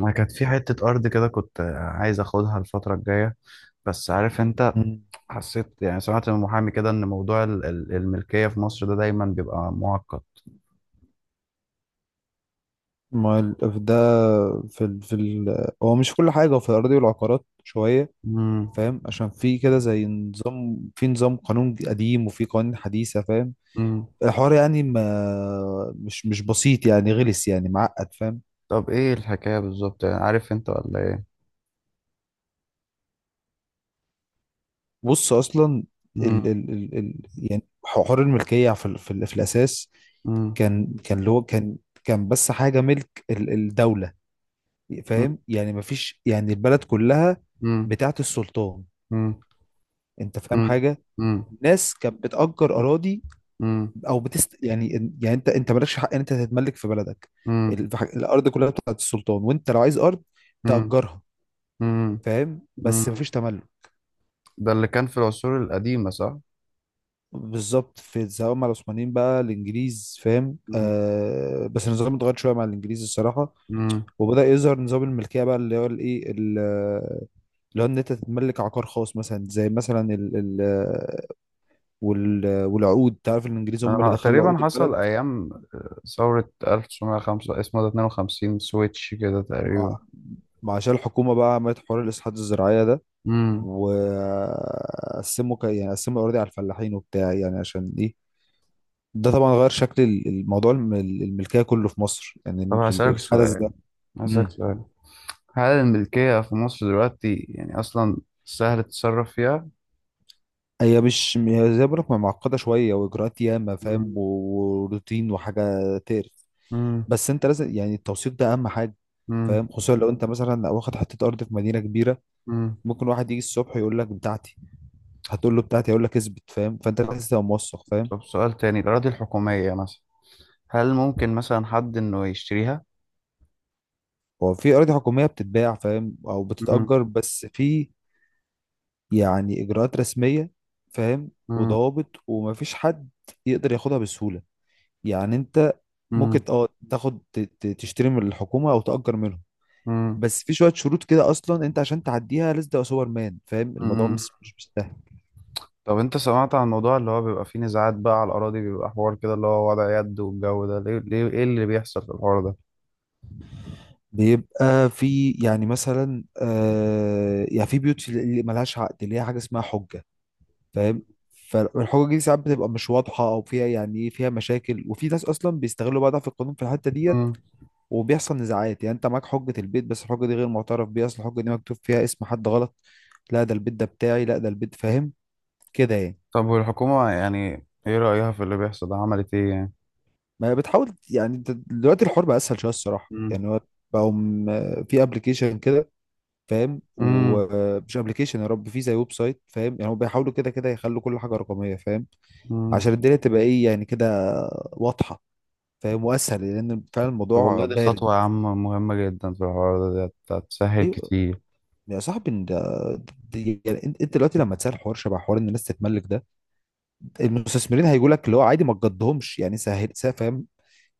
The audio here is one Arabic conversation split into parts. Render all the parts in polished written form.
انا كانت في حتة ارض كده كنت عايز اخدها الفترة الجاية بس عارف انت. مم. حسيت يعني سمعت من محامي كده ان موضوع الملكية في مصر ده دايما بيبقى معقد. ما ده في هو مش كل حاجة، هو في الأراضي والعقارات شوية. امم. فاهم؟ عشان في كده زي نظام، في نظام قانون قديم وفي قوانين حديثة. فاهم؟ امم. الحوار يعني ما مش بسيط، يعني غلس، يعني معقد. فاهم؟ طب ايه الحكاية بالظبط يعني عارف انت ولا ايه؟ بص أصلا ال... امم. ال... ال... ال... يعني حوار الملكية في الأساس امم. كان كان اللي هو كان كان بس حاجة ملك الدولة. فاهم؟ يعني مفيش، يعني البلد كلها امم. بتاعت السلطان. امم. انت فاهم امم. حاجة؟ امم. الناس كانت بتأجر أراضي امم. أو يعني. يعني أنت مالكش حق إن أنت تتملك في بلدك. امم. الأرض كلها بتاعت السلطان، وأنت لو عايز أرض امم. تأجرها. فاهم؟ بس امم. مفيش تملك. ده اللي كان في العصور القديمة صح؟ بالظبط، في سواء مع العثمانيين بقى الإنجليز. فاهم؟ آه، بس النظام اتغير شوية مع الإنجليز الصراحة. امم. وبدأ يظهر نظام الملكية بقى، اللي هو الإيه اللي هو إن أنت تتملك عقار خاص، مثلا زي مثلا ال ال والعقود. تعرف الإنجليز هم اللي انا دخلوا تقريبا عقود البلد. حصل ايام ثورة 1905، اسمه ده 52 سويتش كده تقريبا. مع مع عشان الحكومة بقى عملت حوار الإصلاحات الزراعية ده، امم. وقسموا يعني قسموا الأراضي على الفلاحين وبتاع، يعني عشان إيه. ده طبعا غير شكل الموضوع، الملكية كله في مصر، يعني طب هسألك الحدث سؤال. ده. هسألك مم. سؤال هل الملكية في مصر دلوقتي يعني اصلا سهل تتصرف فيها؟ هي مش، هي زي ما بقولك معقدة شوية، وإجراءات ياما فاهم، امم. وروتين، وحاجة تقرف. امم. بس أنت لازم يعني التوثيق ده أهم حاجة. امم. فاهم؟ خصوصا لو انت مثلا واخد حته ارض في مدينه كبيره. أمم. ممكن واحد يجي الصبح يقول لك بتاعتي، هتقول له بتاعتي، هيقول لك اثبت. فاهم؟ فانت طب. لازم تبقى موثق. فاهم؟ سؤال تاني، الاراضي الحكومية مثلا، هل ممكن مثلا حد انه يشتريها؟ هو في أراضي حكومية بتتباع، فاهم؟ أو امم. بتتأجر، بس في يعني إجراءات رسمية. فاهم؟ وضوابط، ومفيش حد يقدر ياخدها بسهولة. يعني أنت ممكن امم. تاخد، تشتري من الحكومة أو تأجر منهم. امم. بس في شوية شروط كده. أصلا أنت عشان تعديها لازم تبقى سوبر مان. فاهم؟ الموضوع مش سهل. طب انت سمعت عن الموضوع اللي هو بيبقى فيه نزاعات بقى على الأراضي، بيبقى حوار كده اللي هو وضع يد والجو ده، ليه, ايه اللي بيحصل في الحوار ده؟ بيبقى في يعني مثلا، يعني في بيوت اللي ملهاش عقد، اللي هي حاجة اسمها حجة. فاهم؟ فالحقوق دي ساعات بتبقى مش واضحه، او فيها يعني ايه، فيها مشاكل. وفي ناس اصلا بيستغلوا بقى ضعف القانون في الحته ديت. مم. وبيحصل نزاعات. يعني انت معاك حجه البيت، بس الحجه دي غير معترف بيها، اصل الحجه دي مكتوب فيها اسم حد غلط. لا ده البيت ده بتاعي، لا ده البيت. فاهم كده يعني؟ طب والحكومة يعني ايه رأيها في اللي بيحصل ده، عملت ايه يعني؟ ما بتحاول، يعني انت دلوقتي الحوار بقى اسهل شويه الصراحه. مم. يعني هو بقوا في ابلكيشن كده. فاهم؟ مم. ومش ابلكيشن يا رب، في زي ويب سايت. فاهم؟ يعني هم بيحاولوا كده كده يخلوا كل حاجه رقميه. فاهم؟ مم. عشان الدنيا تبقى ايه يعني كده، واضحه. فاهم؟ واسهل، لان فعلا طب الموضوع والله دي بارد. خطوة يا عم مهمة جدا في الحوار ده، دي هتسهل ايوه كتير. يا صاحبي إن ده يعني انت، دلوقتي لما تسال حوار شبه حوار ان الناس تتملك ده، المستثمرين هيقول لك اللي هو عادي، ما تقضهمش. يعني سهل، فاهم؟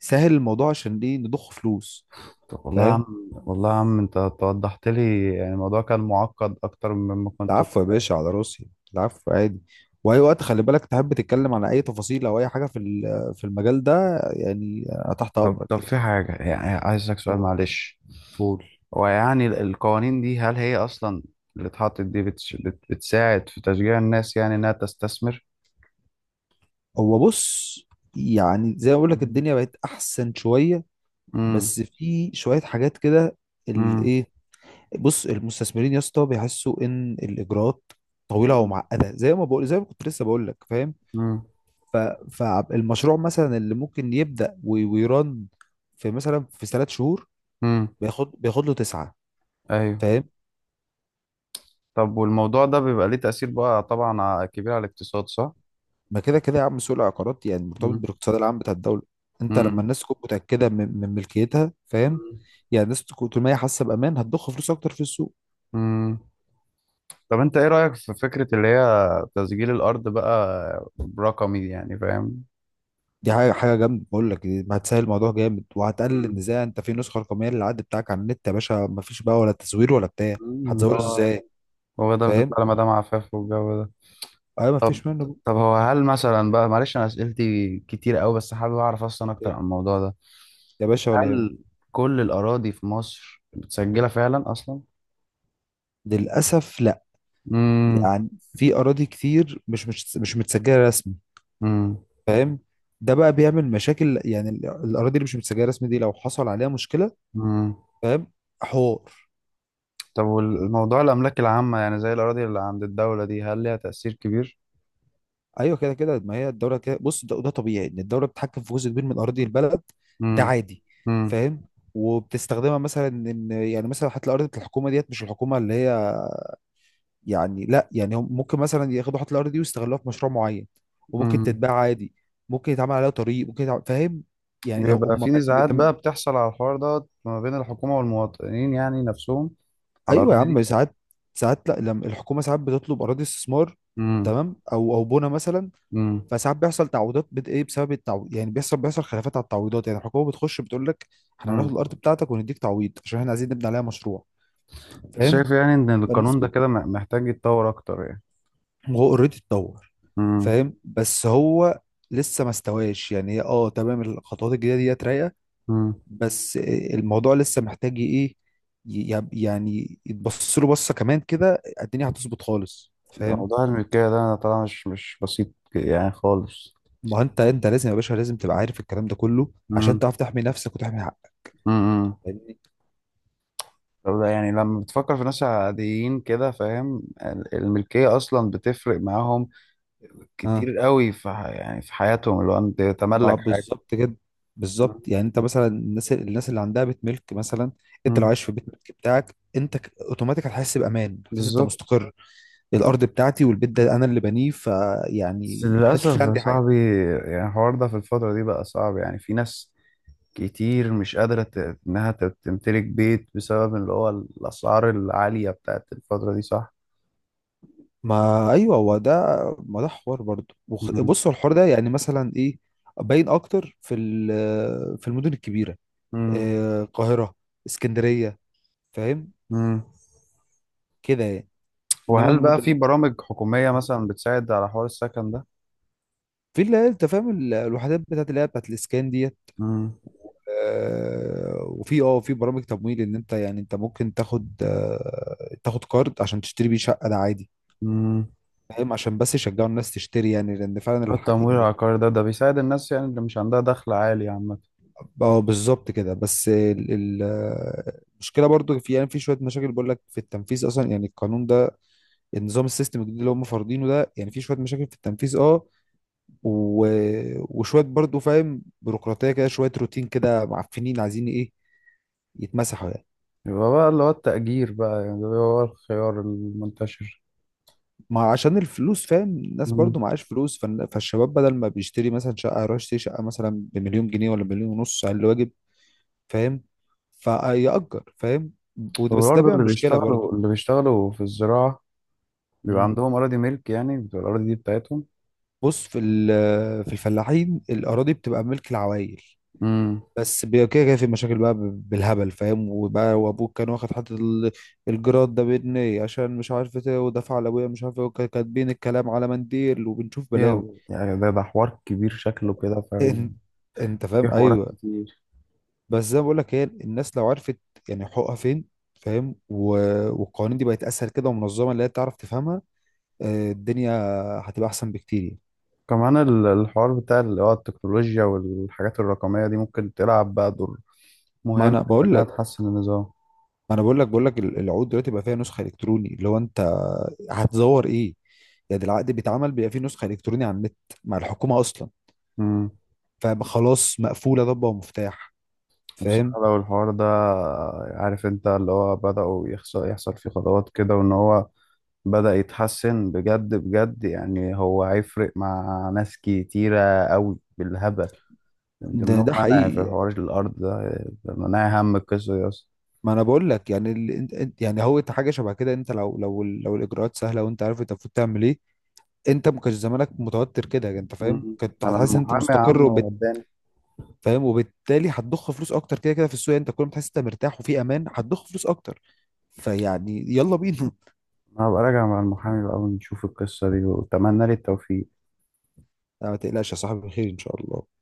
سهل الموضوع، عشان ايه؟ نضخ فلوس. طب فاهم؟ والله يا عم انت توضحت لي يعني الموضوع، كان معقد اكتر مما كنت. العفو يا باشا، على راسي، العفو عادي. واي وقت خلي بالك، تحب تتكلم عن اي تفاصيل او اي حاجه في المجال ده، يعني أنا تحت طب. امرك يعني. في حاجة يعني عايزك، سؤال قول، معلش، قول. ويعني القوانين دي، هل هي أصلا اللي اتحطت دي بتساعد في تشجيع الناس يعني إنها تستثمر؟ هو بص، يعني زي ما بقول لك مم. الدنيا بقت احسن شويه، امم. بس في شوية حاجات كده، امم. الايه. بص المستثمرين يا اسطى بيحسوا ان الاجراءات طويلة ومعقدة، زي ما بقول، زي ما كنت لسه بقول لك. فاهم؟ امم. ف... فالمشروع مثلا اللي ممكن يبدأ ويرن في مثلا في 3 شهور، امم. بياخد له 9. ايوه. فاهم؟ طب والموضوع ده بيبقى ليه تأثير بقى طبعا كبير على الاقتصاد صح؟ ما كده كده يا عم، سوق العقارات يعني مرتبط مم. بالاقتصاد العام بتاع الدولة. انت لما امم. الناس تكون متأكدة من ملكيتها. فاهم؟ يعني الناس تكون طول ما هي حاسة بأمان، هتضخ فلوس اكتر في السوق. امم. طب انت ايه رأيك في فكرة اللي هي تسجيل الأرض بقى برقمي يعني فاهم؟ دي حاجة جامدة، بقول لك ما هتسهل الموضوع جامد، وهتقلل مم. النزاع. انت في نسخة رقمية للعد بتاعك على النت يا باشا. ما فيش بقى ولا تزوير ولا بتاع، مم. اللي هتزوره هو ازاي؟ هو ده فاهم؟ بتطلع لمدام عفاف والجو ده. ايوه ما طب. فيش منه. هو هل مثلا بقى، معلش انا اسئلتي كتير قوي بس حابب اعرف اصلا اكتر عن الموضوع ده، يا باشا ولا يهم. هل كل الاراضي في مصر متسجله فعلا اصلا؟ للأسف لا. امم. يعني في أراضي كتير مش متسجلة رسمي. امم. فاهم؟ ده بقى بيعمل مشاكل. يعني الأراضي اللي مش متسجلة رسمي دي لو حصل عليها مشكلة، امم. فاهم؟ حوار. طب والموضوع الاملاك العامه يعني زي الاراضي اللي عند الدوله دي، هل ليها تاثير كبير؟ ايوه كده كده، ما هي الدوله كده. بص ده طبيعي ان الدوله بتتحكم في جزء كبير من اراضي البلد. ده امم. عادي. امم. فاهم؟ وبتستخدمها مثلا، ان يعني مثلا حتى الارض بتاع الحكومه ديت، مش الحكومه اللي هي، يعني لا، يعني هم ممكن مثلا ياخدوا حتى الارض دي ويستغلوها في مشروع معين، وممكن امم. تتباع عادي، ممكن يتعمل عليها طريق، ممكن يتعمل. فاهم؟ يعني بيبقى هم في نزاعات بقى بتحصل على الحوار ده ما بين الحكومه والمواطنين يعني نفسهم على ايوه يا الاراضي دي؟ عم ساعات. ساعات لا، لما الحكومه ساعات بتطلب اراضي استثمار، امم. تمام، او بنى مثلا، امم. فساعات بيحصل تعويضات ايه، بسبب التعويض يعني. بيحصل خلافات على التعويضات. يعني الحكومه بتخش بتقول لك احنا هناخد امم. الارض بتاعتك ونديك تعويض، عشان احنا عايزين نبني عليها مشروع. فاهم؟ شايف يعني ان القانون ده فالنسبه كده محتاج يتطور اكتر يعني؟ هو اوريدي اتطور. امم. فاهم؟ بس هو لسه ما استواش. يعني هي تمام، الخطوات الجديده ديت رايقه، امم. بس الموضوع لسه محتاج ايه، يعني يتبص له بصه كمان كده الدنيا هتظبط خالص. فاهم؟ موضوع الملكية ده، أنا طبعا مش بسيط يعني خالص. ما هو انت، لازم يا باشا لازم تبقى عارف الكلام ده كله، عشان امم. تعرف تحمي نفسك وتحمي حقك. امم. فاهمني؟ طب ده يعني لما بتفكر في ناس عاديين كده فاهم، الملكية أصلا بتفرق معاهم اه، كتير قوي في يعني في حياتهم، اللي هو أنت ما تملك حاجة. بالظبط كده. مم. بالظبط، يعني انت مثلا الناس اللي عندها بيت ملك مثلا، انت لو مم. عايش في بيت ملك بتاعك انت، اوتوماتيك هتحس بامان، هتحس انت بالظبط. مستقر. الارض بتاعتي والبيت ده انا اللي بنيه، بس فيعني محدش للأسف في يا عندي حاجه. صاحبي، يعني الحوار ده في الفترة دي بقى صعب، يعني في ناس كتير مش قادرة إنها تمتلك بيت بسبب اللي هو الأسعار العالية بتاعت الفترة دي صح؟ ما ايوه، هو ده. ما ده حوار برضه، مم. بص هو الحوار ده يعني مثلا ايه، باين اكتر في المدن الكبيره. مم. آه، القاهره، اسكندريه. فاهم مم. كده يعني؟ انما وهل بقى في المدن برامج حكومية مثلا بتساعد على حوار السكن ده؟ في اللي هي انت فاهم الوحدات بتاعت اللي هي بتاعت الاسكان دي. مم. آه، وفي اه في برامج تمويل، ان انت يعني ممكن تاخد، تاخد كارد عشان تشتري بيه شقه، ده عادي. مم. فاهم؟ عشان بس يشجعوا الناس تشتري، يعني لان فعلا اللي هو التمويل العقاري ده بيساعد الناس يعني اللي مش عندها دخل عالي عامة. اه، بالظبط كده. بس آه، المشكله برضو في يعني، في شويه مشاكل بقول لك، في التنفيذ اصلا. يعني القانون ده، النظام السيستم الجديد اللي هم فارضينه ده، يعني في شويه مشاكل في التنفيذ. اه و... وشويه برضو فاهم، بيروقراطيه كده شويه، روتين كده، معفنين، عايزين ايه، يتمسحوا يعني. يبقى بقى اللي هو التأجير بقى، يعني ده هو الخيار المنتشر. ما عشان الفلوس. فاهم؟ الناس مم. برضو معاش فلوس. فالشباب بدل ما بيشتري مثلا شقة، يروح يشتري شقة مثلا بمليون جنيه ولا مليون ونص على الواجب. فاهم؟ فيأجر. فاهم؟ بس ده وبرضه بيعمل مشكلة برضو. اللي بيشتغلوا في الزراعة بيبقى مم. عندهم أراضي ملك، يعني بتبقى الأراضي دي بتاعتهم. بص في الفلاحين الأراضي بتبقى ملك العوائل. مم. بس كده كده في مشاكل بقى، بالهبل. فاهم؟ وبقى وابوك كان واخد حتة الجراد ده بجنيه، عشان مش عارف ايه، ودفع لابويا مش عارف ايه، كاتبين الكلام على منديل، وبنشوف بلاوي. يعني ده حوار كبير شكله كده إن- فاهم، انت فاهم؟ في حوارات ايوه. كتير. بس زي ما بقول لك هي الناس لو عرفت يعني حقوقها فين، فاهم؟ والقوانين دي بقت اسهل كده، ومنظمه اللي هي تعرف تفهمها. آه، الدنيا هتبقى احسن بكتير يعني. كمان الحوار بتاع اللي هو التكنولوجيا والحاجات الرقمية دي ممكن تلعب بقى دور ما انا مهم بقول إنها لك، تحسن النظام. العقود دلوقتي بقى فيها نسخه الكتروني، اللي هو انت هتزور ايه. يعني ده العقد بيتعمل، بيبقى فيه نسخه الكتروني على النت، مع الحكومه اصلا. امم. فخلاص مقفوله ضبه ومفتاح. فاهم؟ بصراحة لو الحوار ده، عارف أنت اللي هو بدأوا يحصل، فيه خطوات كده وإن هو بدأ يتحسن بجد بجد، يعني هو هيفرق مع ناس كتيرة أوي بالهبل، من ضمنهم ده أنا حقيقي في يعني. حوار الأرض ده لما أنا هم القصة دي أصلا. ما انا بقول لك، يعني يعني هو إنت حاجه شبه كده. انت لو الاجراءات سهله وانت عارف انت المفروض تعمل ايه، انت ما كانش زمانك متوتر كده يعني، انت فاهم؟ مم. كنت أنا هتحس ان انت المحامي يا مستقر عم وبت. وداني، فاهم؟ وبالتالي هتضخ فلوس اكتر كده كده في السوق. يعني انت كل ما تحس انت مرتاح وفي امان، هتضخ فلوس اكتر. فيعني يلا بينا. أنا هبقى راجع مع المحامي بقى ونشوف القصة دي، وأتمنى لي التوفيق. لا، ما تقلقش يا صاحبي، خير ان شاء الله.